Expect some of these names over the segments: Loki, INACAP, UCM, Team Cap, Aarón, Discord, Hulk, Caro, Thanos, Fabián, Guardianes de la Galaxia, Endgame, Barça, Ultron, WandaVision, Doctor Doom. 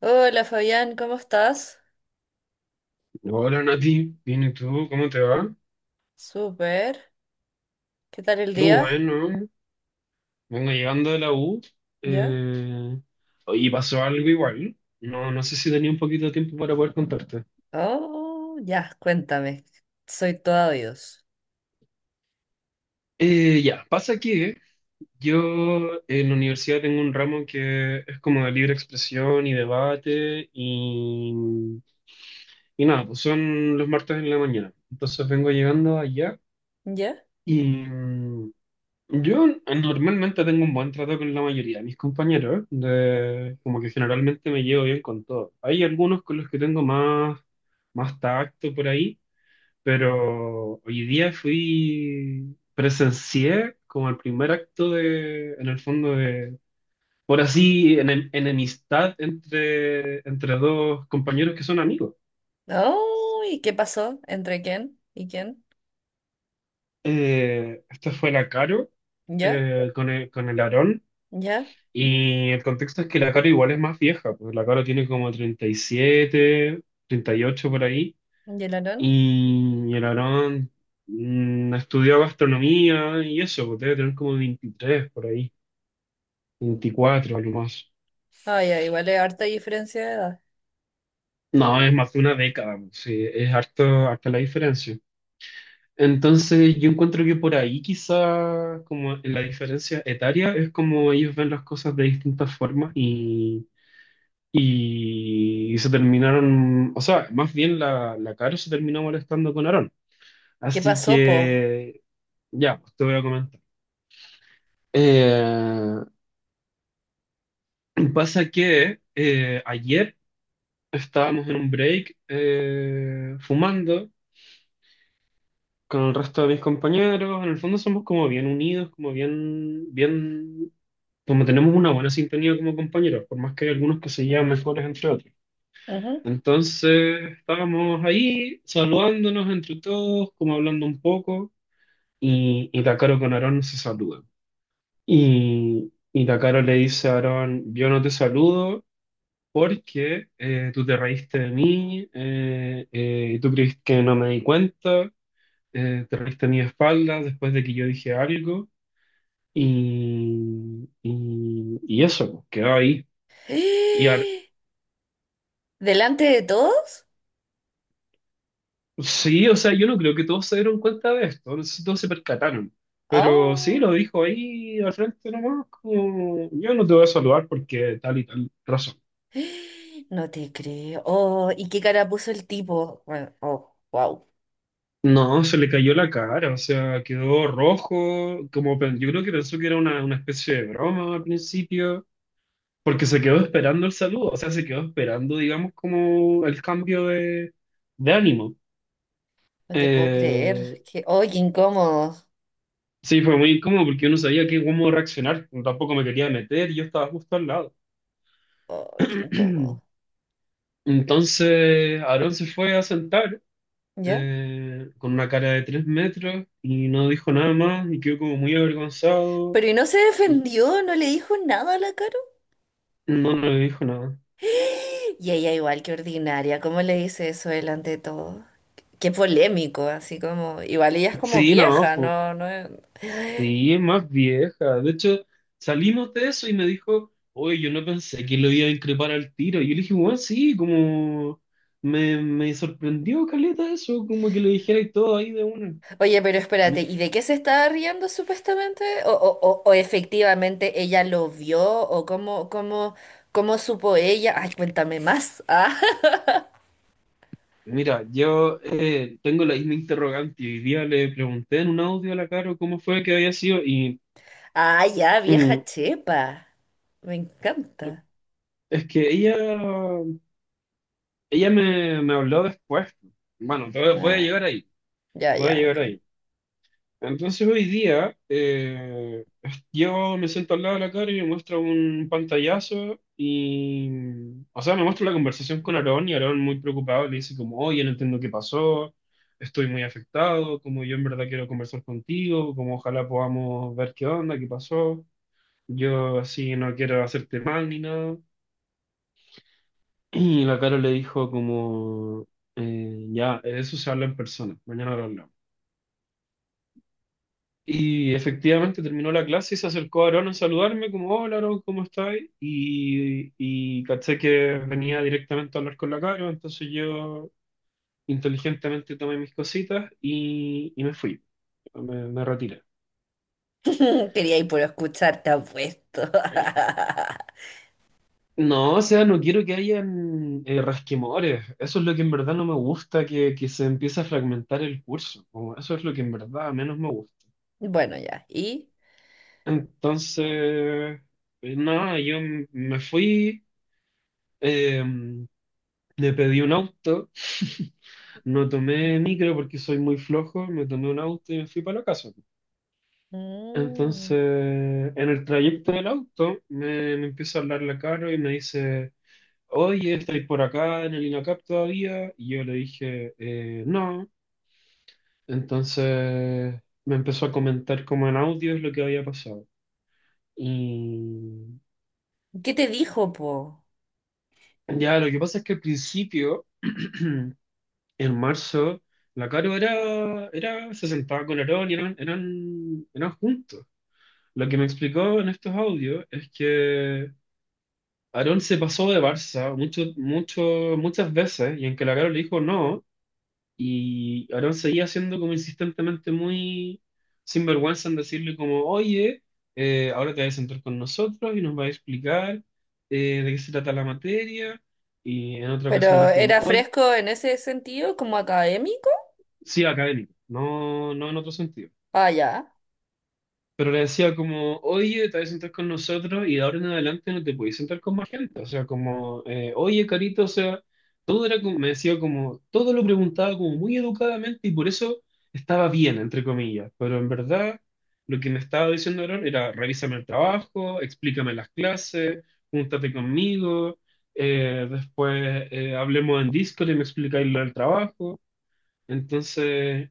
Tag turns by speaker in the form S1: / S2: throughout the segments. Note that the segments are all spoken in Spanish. S1: Hola Fabián, ¿cómo estás?
S2: Hola Nati, bien, ¿y tú? ¿Cómo te va?
S1: Súper. ¿Qué tal el
S2: Qué
S1: día?
S2: bueno, vengo llegando de la U.
S1: ¿Ya?
S2: Eh, oye, pasó algo igual. No, no sé si tenía un poquito de tiempo para poder contarte.
S1: Oh, ya, cuéntame. Soy todo oídos.
S2: Ya, pasa que yo en la universidad tengo un ramo que es como de libre expresión y debate y nada, pues son los martes en la mañana. Entonces vengo llegando allá
S1: ¿Ya?
S2: y, yo normalmente tengo un buen trato con la mayoría de mis compañeros, de, como que generalmente me llevo bien con todos. Hay algunos con los que tengo más tacto por ahí, pero hoy día fui, presencié como el primer acto de, en el fondo de, por así, enemistad entre dos compañeros que son amigos.
S1: Oh, ¿y qué pasó? ¿Entre quién y quién?
S2: Esta fue la Caro,
S1: ¿Ya?
S2: con el Aarón.
S1: ¿Ya?
S2: Y el contexto es que la Caro igual es más vieja, pues la Caro tiene como 37 38 por ahí,
S1: ¿Y el Aarón?
S2: y el Aarón, estudió gastronomía y eso, pues debe tener como 23 por ahí, 24 algo más.
S1: Ah, ya, igual es harta diferencia de edad.
S2: No, es más de una década, pues, sí, es harto, harta la diferencia. Entonces yo encuentro que por ahí quizá como en la diferencia etaria es como ellos ven las cosas de distintas formas y se terminaron, o sea, más bien la Caro se terminó molestando con Aarón.
S1: ¿Qué
S2: Así
S1: pasó, po?
S2: que, ya, pues te voy a comentar. Eh, pasa que ayer estábamos en un break, fumando con el resto de mis compañeros. En el fondo somos como bien unidos, como bien, bien, como tenemos una buena sintonía como compañeros, por más que hay algunos que se llevan mejores entre otros.
S1: Ujú.
S2: Entonces estábamos ahí saludándonos entre todos, como hablando un poco, y Takaro con Aarón se saludan. Y Takaro le dice a Aarón, yo no te saludo porque tú te reíste de mí, tú creíste que no me di cuenta, te reíste de mi espalda después de que yo dije algo, y eso, pues, quedó ahí. Y, Aar-
S1: ¡Eh! ¿Delante de todos?
S2: Sí, o sea, yo no creo que todos se dieron cuenta de esto, no sé si todos se percataron, pero sí,
S1: Oh,
S2: lo dijo ahí al frente nomás, como, yo no te voy a saludar porque tal y tal razón.
S1: ¡eh! No te creo. Oh, ¿y qué cara puso el tipo? Bueno, oh, wow.
S2: No, se le cayó la cara, o sea, quedó rojo, como yo creo que pensó que era una especie de broma al principio, porque se quedó esperando el saludo, o sea, se quedó esperando, digamos, como el cambio de ánimo.
S1: No te puedo creer.
S2: Eh,
S1: Que, ¡ay, qué incómodo!
S2: sí, fue muy incómodo porque yo no sabía qué, cómo reaccionar, tampoco me quería meter, y yo estaba justo al lado.
S1: ¡Ay, qué incómodo!
S2: Entonces Aarón se fue a sentar,
S1: ¿Ya?
S2: con una cara de tres metros y no dijo nada más y quedó como muy avergonzado
S1: Pero ¿y no se
S2: y
S1: defendió? ¿No le dijo nada a la Caro?
S2: no le dijo nada.
S1: Y ella igual que ordinaria, ¿cómo le dice eso delante de todo? Qué polémico, así como... Igual ella es como
S2: Sí, no,
S1: vieja, no, no... es-
S2: sí, es más vieja. De hecho, salimos de eso y me dijo, oye, yo no pensé que lo iba a increpar al tiro. Y yo le dije, bueno, sí, como me sorprendió, caleta, eso, como que le dijera y todo ahí de una.
S1: Oye, pero espérate, ¿y de qué se estaba riendo supuestamente? ¿O, o efectivamente ella lo vio? ¿O cómo, cómo, cómo supo ella? Ay, cuéntame más. Ah,
S2: Mira, yo, tengo la misma interrogante y hoy día le pregunté en un audio a la Caro cómo fue que había sido y,
S1: Ah, ya, vieja
S2: mm,
S1: chepa. Me encanta.
S2: es que ella, ella me habló después. Bueno, voy a
S1: Ah,
S2: llegar ahí,
S1: ya,
S2: voy a
S1: ya,
S2: llegar
S1: ok.
S2: ahí. Entonces hoy día, yo me siento al lado de la cara y me muestra un pantallazo y, o sea, me muestra la conversación con Aarón, y Aarón muy preocupado le dice como, oye, no entiendo qué pasó, estoy muy afectado, como yo en verdad quiero conversar contigo, como ojalá podamos ver qué onda, qué pasó, yo así no quiero hacerte mal ni nada. Y la cara le dijo como, ya, de eso se habla en persona, mañana lo hablamos. Y efectivamente terminó la clase y se acercó Aarón a saludarme, como, hola Aarón, ¿cómo estás? Y caché que venía directamente a hablar con la Caro, entonces yo inteligentemente tomé mis cositas y me fui, me retiré.
S1: Quería ir por escuchar, te apuesto.
S2: No, o sea, no quiero que hayan, rasquemores. Eso es lo que en verdad no me gusta, que se empiece a fragmentar el curso. Como eso es lo que en verdad menos me gusta.
S1: Bueno, ya. ¿Y?
S2: Entonces, nada, yo me fui, eh, le pedí un auto, no tomé micro porque soy muy flojo, me tomé un auto y me fui para la casa. Entonces,
S1: Mm.
S2: en el trayecto del auto, me empieza a hablar la Caro y me dice, oye, ¿estáis por acá en el INACAP todavía? Y yo le dije: No". Entonces me empezó a comentar como en audio lo que había pasado. Y
S1: ¿Qué te dijo, po?
S2: ya, lo que pasa es que al principio... en marzo, la Caro era, se sentaba con Aarón y eran juntos. Lo que me explicó en estos audios es que Aarón se pasó de Barça mucho, mucho, muchas veces y en que la Caro le dijo no, y Aarón seguía siendo como insistentemente muy sinvergüenza en decirle como, oye, ahora te vas a sentar con nosotros y nos va a explicar, de qué se trata la materia. Y en otra ocasión le
S1: ¿Pero
S2: dijo como,
S1: era
S2: oye,
S1: fresco en ese sentido, como académico?
S2: sí, académico, no, no en otro sentido.
S1: Ah, ya.
S2: Pero le decía como, oye, te vas a sentar con nosotros y de ahora en adelante no te podéis sentar con más gente. O sea, como, oye, Carito, o sea, todo era como, me decía como, todo lo preguntaba como muy educadamente y por eso estaba bien, entre comillas. Pero en verdad, lo que me estaba diciendo Aaron era, revísame el trabajo, explícame las clases, júntate conmigo, después, hablemos en Discord y me explicáis lo del trabajo. Entonces,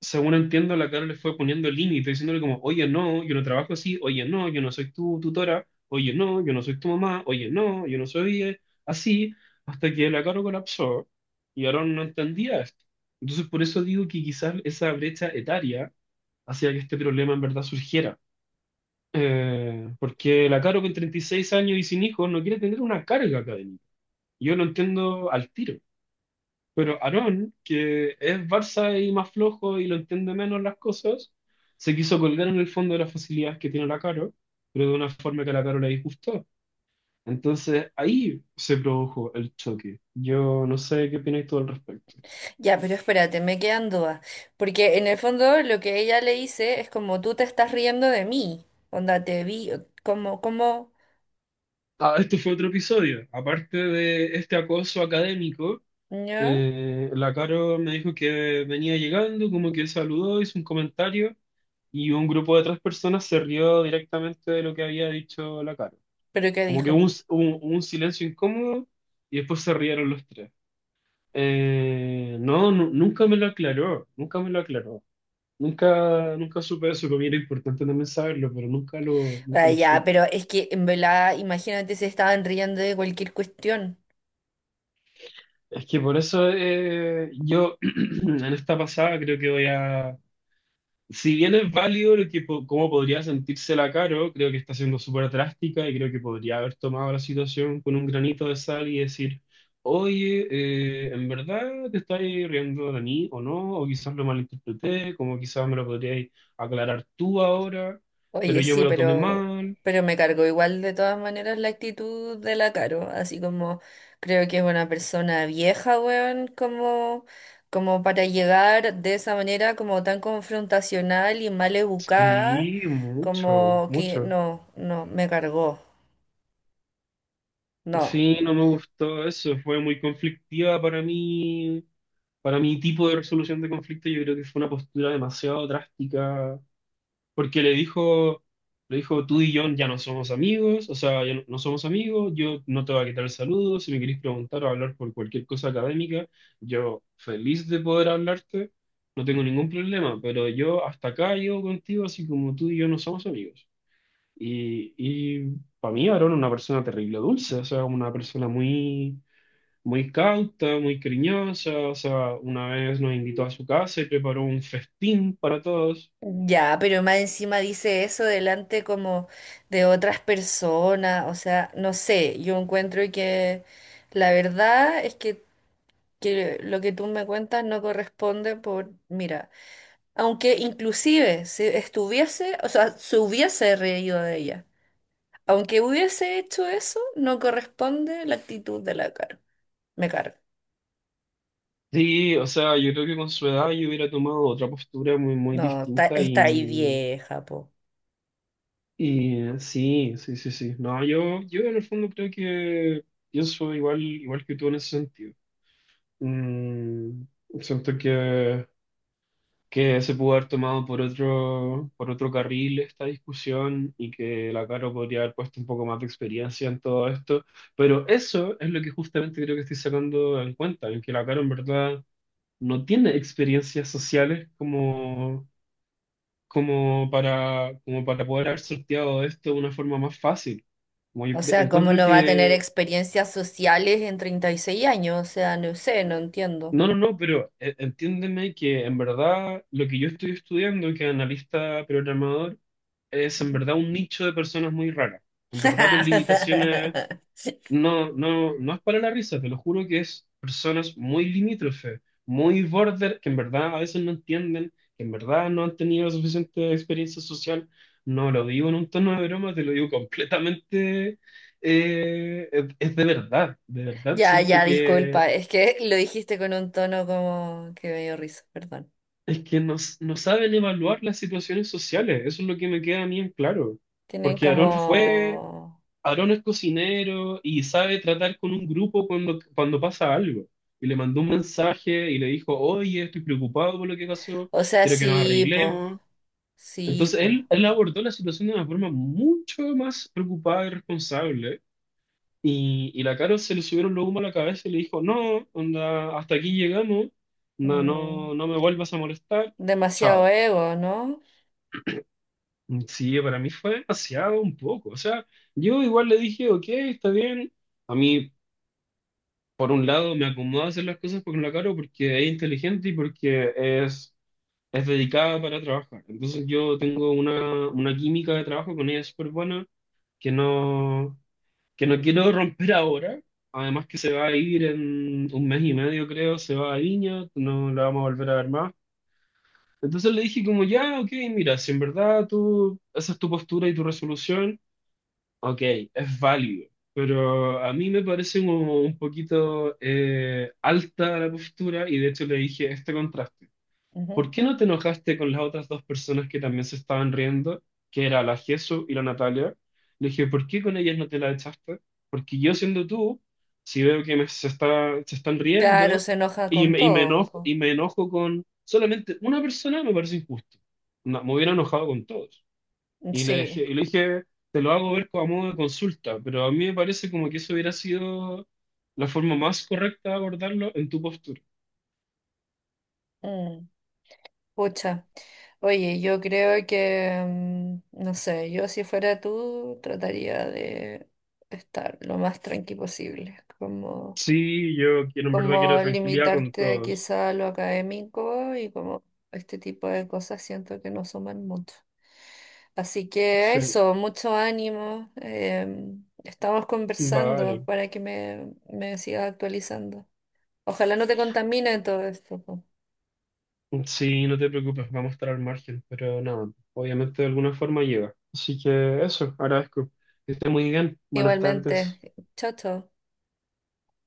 S2: según entiendo, la Carol le fue poniendo límite, diciéndole como, oye, no, yo no trabajo así, oye, no, yo no soy tu tutora, oye, no, yo no soy tu mamá, oye, no, yo no soy, así, hasta que la Carol colapsó y Aaron no entendía esto. Entonces, por eso digo que quizás esa brecha etaria hacía que este problema en verdad surgiera. Porque la Caro con 36 años y sin hijos no quiere tener una carga académica. Yo lo entiendo al tiro. Pero Aarón, que es Barça y más flojo y lo entiende menos las cosas, se quiso colgar en el fondo de las facilidades que tiene la Caro, pero de una forma que a la Caro le disgustó. Entonces ahí se produjo el choque. Yo no sé qué opináis todo al respecto.
S1: Ya, pero espérate, me quedan dudas. Porque en el fondo lo que ella le dice es como tú te estás riendo de mí. Onda, te vi, como,
S2: Ah, este fue otro episodio. Aparte de este acoso académico,
S1: ¿ya?
S2: la Caro me dijo que venía llegando, como que saludó, hizo un comentario y un grupo de tres personas se rió directamente de lo que había dicho la Caro.
S1: ¿Pero qué
S2: Como que hubo
S1: dijo?
S2: un, hubo un silencio incómodo y después se rieron los tres. No, nunca me lo aclaró, nunca me lo aclaró. Nunca, nunca supe eso, como era importante también saberlo, pero nunca lo, nunca
S1: Ah,
S2: lo
S1: ya,
S2: supe.
S1: pero es que en verdad, imagínate se estaban riendo de cualquier cuestión.
S2: Es que por eso, yo en esta pasada creo que voy a, si bien es válido lo que, cómo podría sentírsela Caro, creo que está siendo súper drástica y creo que podría haber tomado la situación con un granito de sal y decir, oye, ¿en verdad te estás riendo de mí o no? O quizás lo malinterpreté, como quizás me lo podrías aclarar tú ahora, pero
S1: Oye,
S2: yo me
S1: sí,
S2: lo tomé mal.
S1: pero me cargó igual de todas maneras la actitud de la Caro. Así como creo que es una persona vieja, weón, como, como para llegar de esa manera como tan confrontacional y mal educada,
S2: Sí, mucho,
S1: como que
S2: mucho.
S1: no, no, me cargó. No.
S2: Sí, no me gustó eso, fue muy conflictiva para mí. Para mi tipo de resolución de conflicto, yo creo que fue una postura demasiado drástica porque le dijo, tú y yo ya no somos amigos, o sea, ya no, no somos amigos, yo no te voy a quitar el saludo, si me querés preguntar o hablar por cualquier cosa académica, yo feliz de poder hablarte, no tengo ningún problema, pero yo hasta acá llego contigo, así como tú y yo no somos amigos. Y para mí Aaron es una persona terrible dulce, o sea, una persona muy, muy cauta, muy cariñosa, o sea, una vez nos invitó a su casa y preparó un festín para todos.
S1: Ya, pero más encima dice eso delante como de otras personas, o sea, no sé, yo encuentro que la verdad es que lo que tú me cuentas no corresponde por, mira, aunque inclusive si estuviese, o sea, se hubiese reído de ella, aunque hubiese hecho eso, no corresponde la actitud de la cara, me cargo.
S2: Sí, o sea, yo creo que con su edad yo hubiera tomado otra postura muy, muy
S1: No, está,
S2: distinta y,
S1: está ahí vieja, po.
S2: y sí, sí, sí, sí. No, yo, en el fondo creo que pienso igual que tú en ese sentido. Mm, siento que se pudo haber tomado por otro carril esta discusión y que la Caro podría haber puesto un poco más de experiencia en todo esto, pero eso es lo que justamente creo que estoy sacando en cuenta, en que la Caro en verdad... no tiene experiencias sociales como, como para poder haber sorteado esto de una forma más fácil. Como yo
S1: O sea, ¿cómo
S2: encuentro
S1: no va a tener
S2: que,
S1: experiencias sociales en 36 años? O sea, no sé, no entiendo.
S2: no, no, no, pero, entiéndeme que en verdad lo que yo estoy estudiando, que analista programador, es en verdad un nicho de personas muy raras, en verdad con limitaciones. No, no, no es para la risa, te lo juro que es personas muy limítrofe, muy border, que en verdad a veces no entienden, que en verdad no han tenido suficiente experiencia social. No lo digo en un tono de broma, te lo digo completamente. Es, de verdad
S1: Ya,
S2: siento
S1: ya,
S2: que
S1: disculpa, es que lo dijiste con un tono como que me dio risa, perdón.
S2: es que no, no saben evaluar las situaciones sociales. Eso es lo que me queda a mí en claro.
S1: Tienen
S2: Porque
S1: como...
S2: Aarón es cocinero y sabe tratar con un grupo cuando pasa algo. Y le mandó un mensaje y le dijo, oye, estoy preocupado por lo que pasó,
S1: O sea,
S2: quiero que nos
S1: sí, po,
S2: arreglemos.
S1: sí,
S2: Entonces
S1: po.
S2: él abordó la situación de una forma mucho más preocupada y responsable. Y la Caro se le subieron los humos a la cabeza y le dijo, no, onda, hasta aquí llegamos, no,
S1: Mm.
S2: no, no me vuelvas a molestar,
S1: Demasiado
S2: chao.
S1: ego, ¿no?
S2: Sí, para mí fue demasiado un poco. O sea, yo igual le dije, ok, está bien. A mí por un lado me acomoda hacer las cosas con la Caro porque es inteligente y porque es dedicada para trabajar. Entonces yo tengo una química de trabajo con ella súper buena que no, que no quiero romper ahora. Además que se va a ir en un mes y medio, creo, se va a Viña, no la vamos a volver a ver más. Entonces le dije como, ya, ok, mira, si en verdad tú, esa es tu postura y tu resolución, ok, es válido, pero a mí me parece como un poquito, alta la postura y de hecho le dije este contraste.
S1: Ujú.
S2: ¿Por qué no te enojaste con las otras dos personas que también se estaban riendo, que era la Jesu y la Natalia? Le dije, ¿por qué con ellas no te la echaste? Porque yo siendo tú, si veo que me, se están
S1: Claro,
S2: riendo
S1: se enoja
S2: y
S1: con
S2: me, y me
S1: todos,
S2: enojo,
S1: po.
S2: y me enojo con solamente una persona, me parece injusto. No, me hubiera enojado con todos. Y le dejé,
S1: Sí.
S2: y le dije, te lo hago ver como a modo de consulta, pero a mí me parece como que eso hubiera sido la forma más correcta de abordarlo en tu postura.
S1: Mm. Pucha, oye, yo creo que, mm, no sé, yo si fuera tú trataría de estar lo más tranqui posible, como,
S2: Sí, yo quiero, en verdad quiero
S1: como
S2: tranquilidad con
S1: limitarte
S2: todos.
S1: quizá a lo académico y como este tipo de cosas siento que no suman mucho. Así que
S2: Sí,
S1: eso, mucho ánimo, em, estamos conversando
S2: vale.
S1: para que me sigas actualizando. Ojalá no te contamine todo esto. Po.
S2: Sí, no te preocupes, vamos a estar al margen, pero nada, obviamente de alguna forma llega. Así que eso, agradezco. Que esté muy bien. Buenas
S1: Igualmente,
S2: tardes.
S1: chao, chao.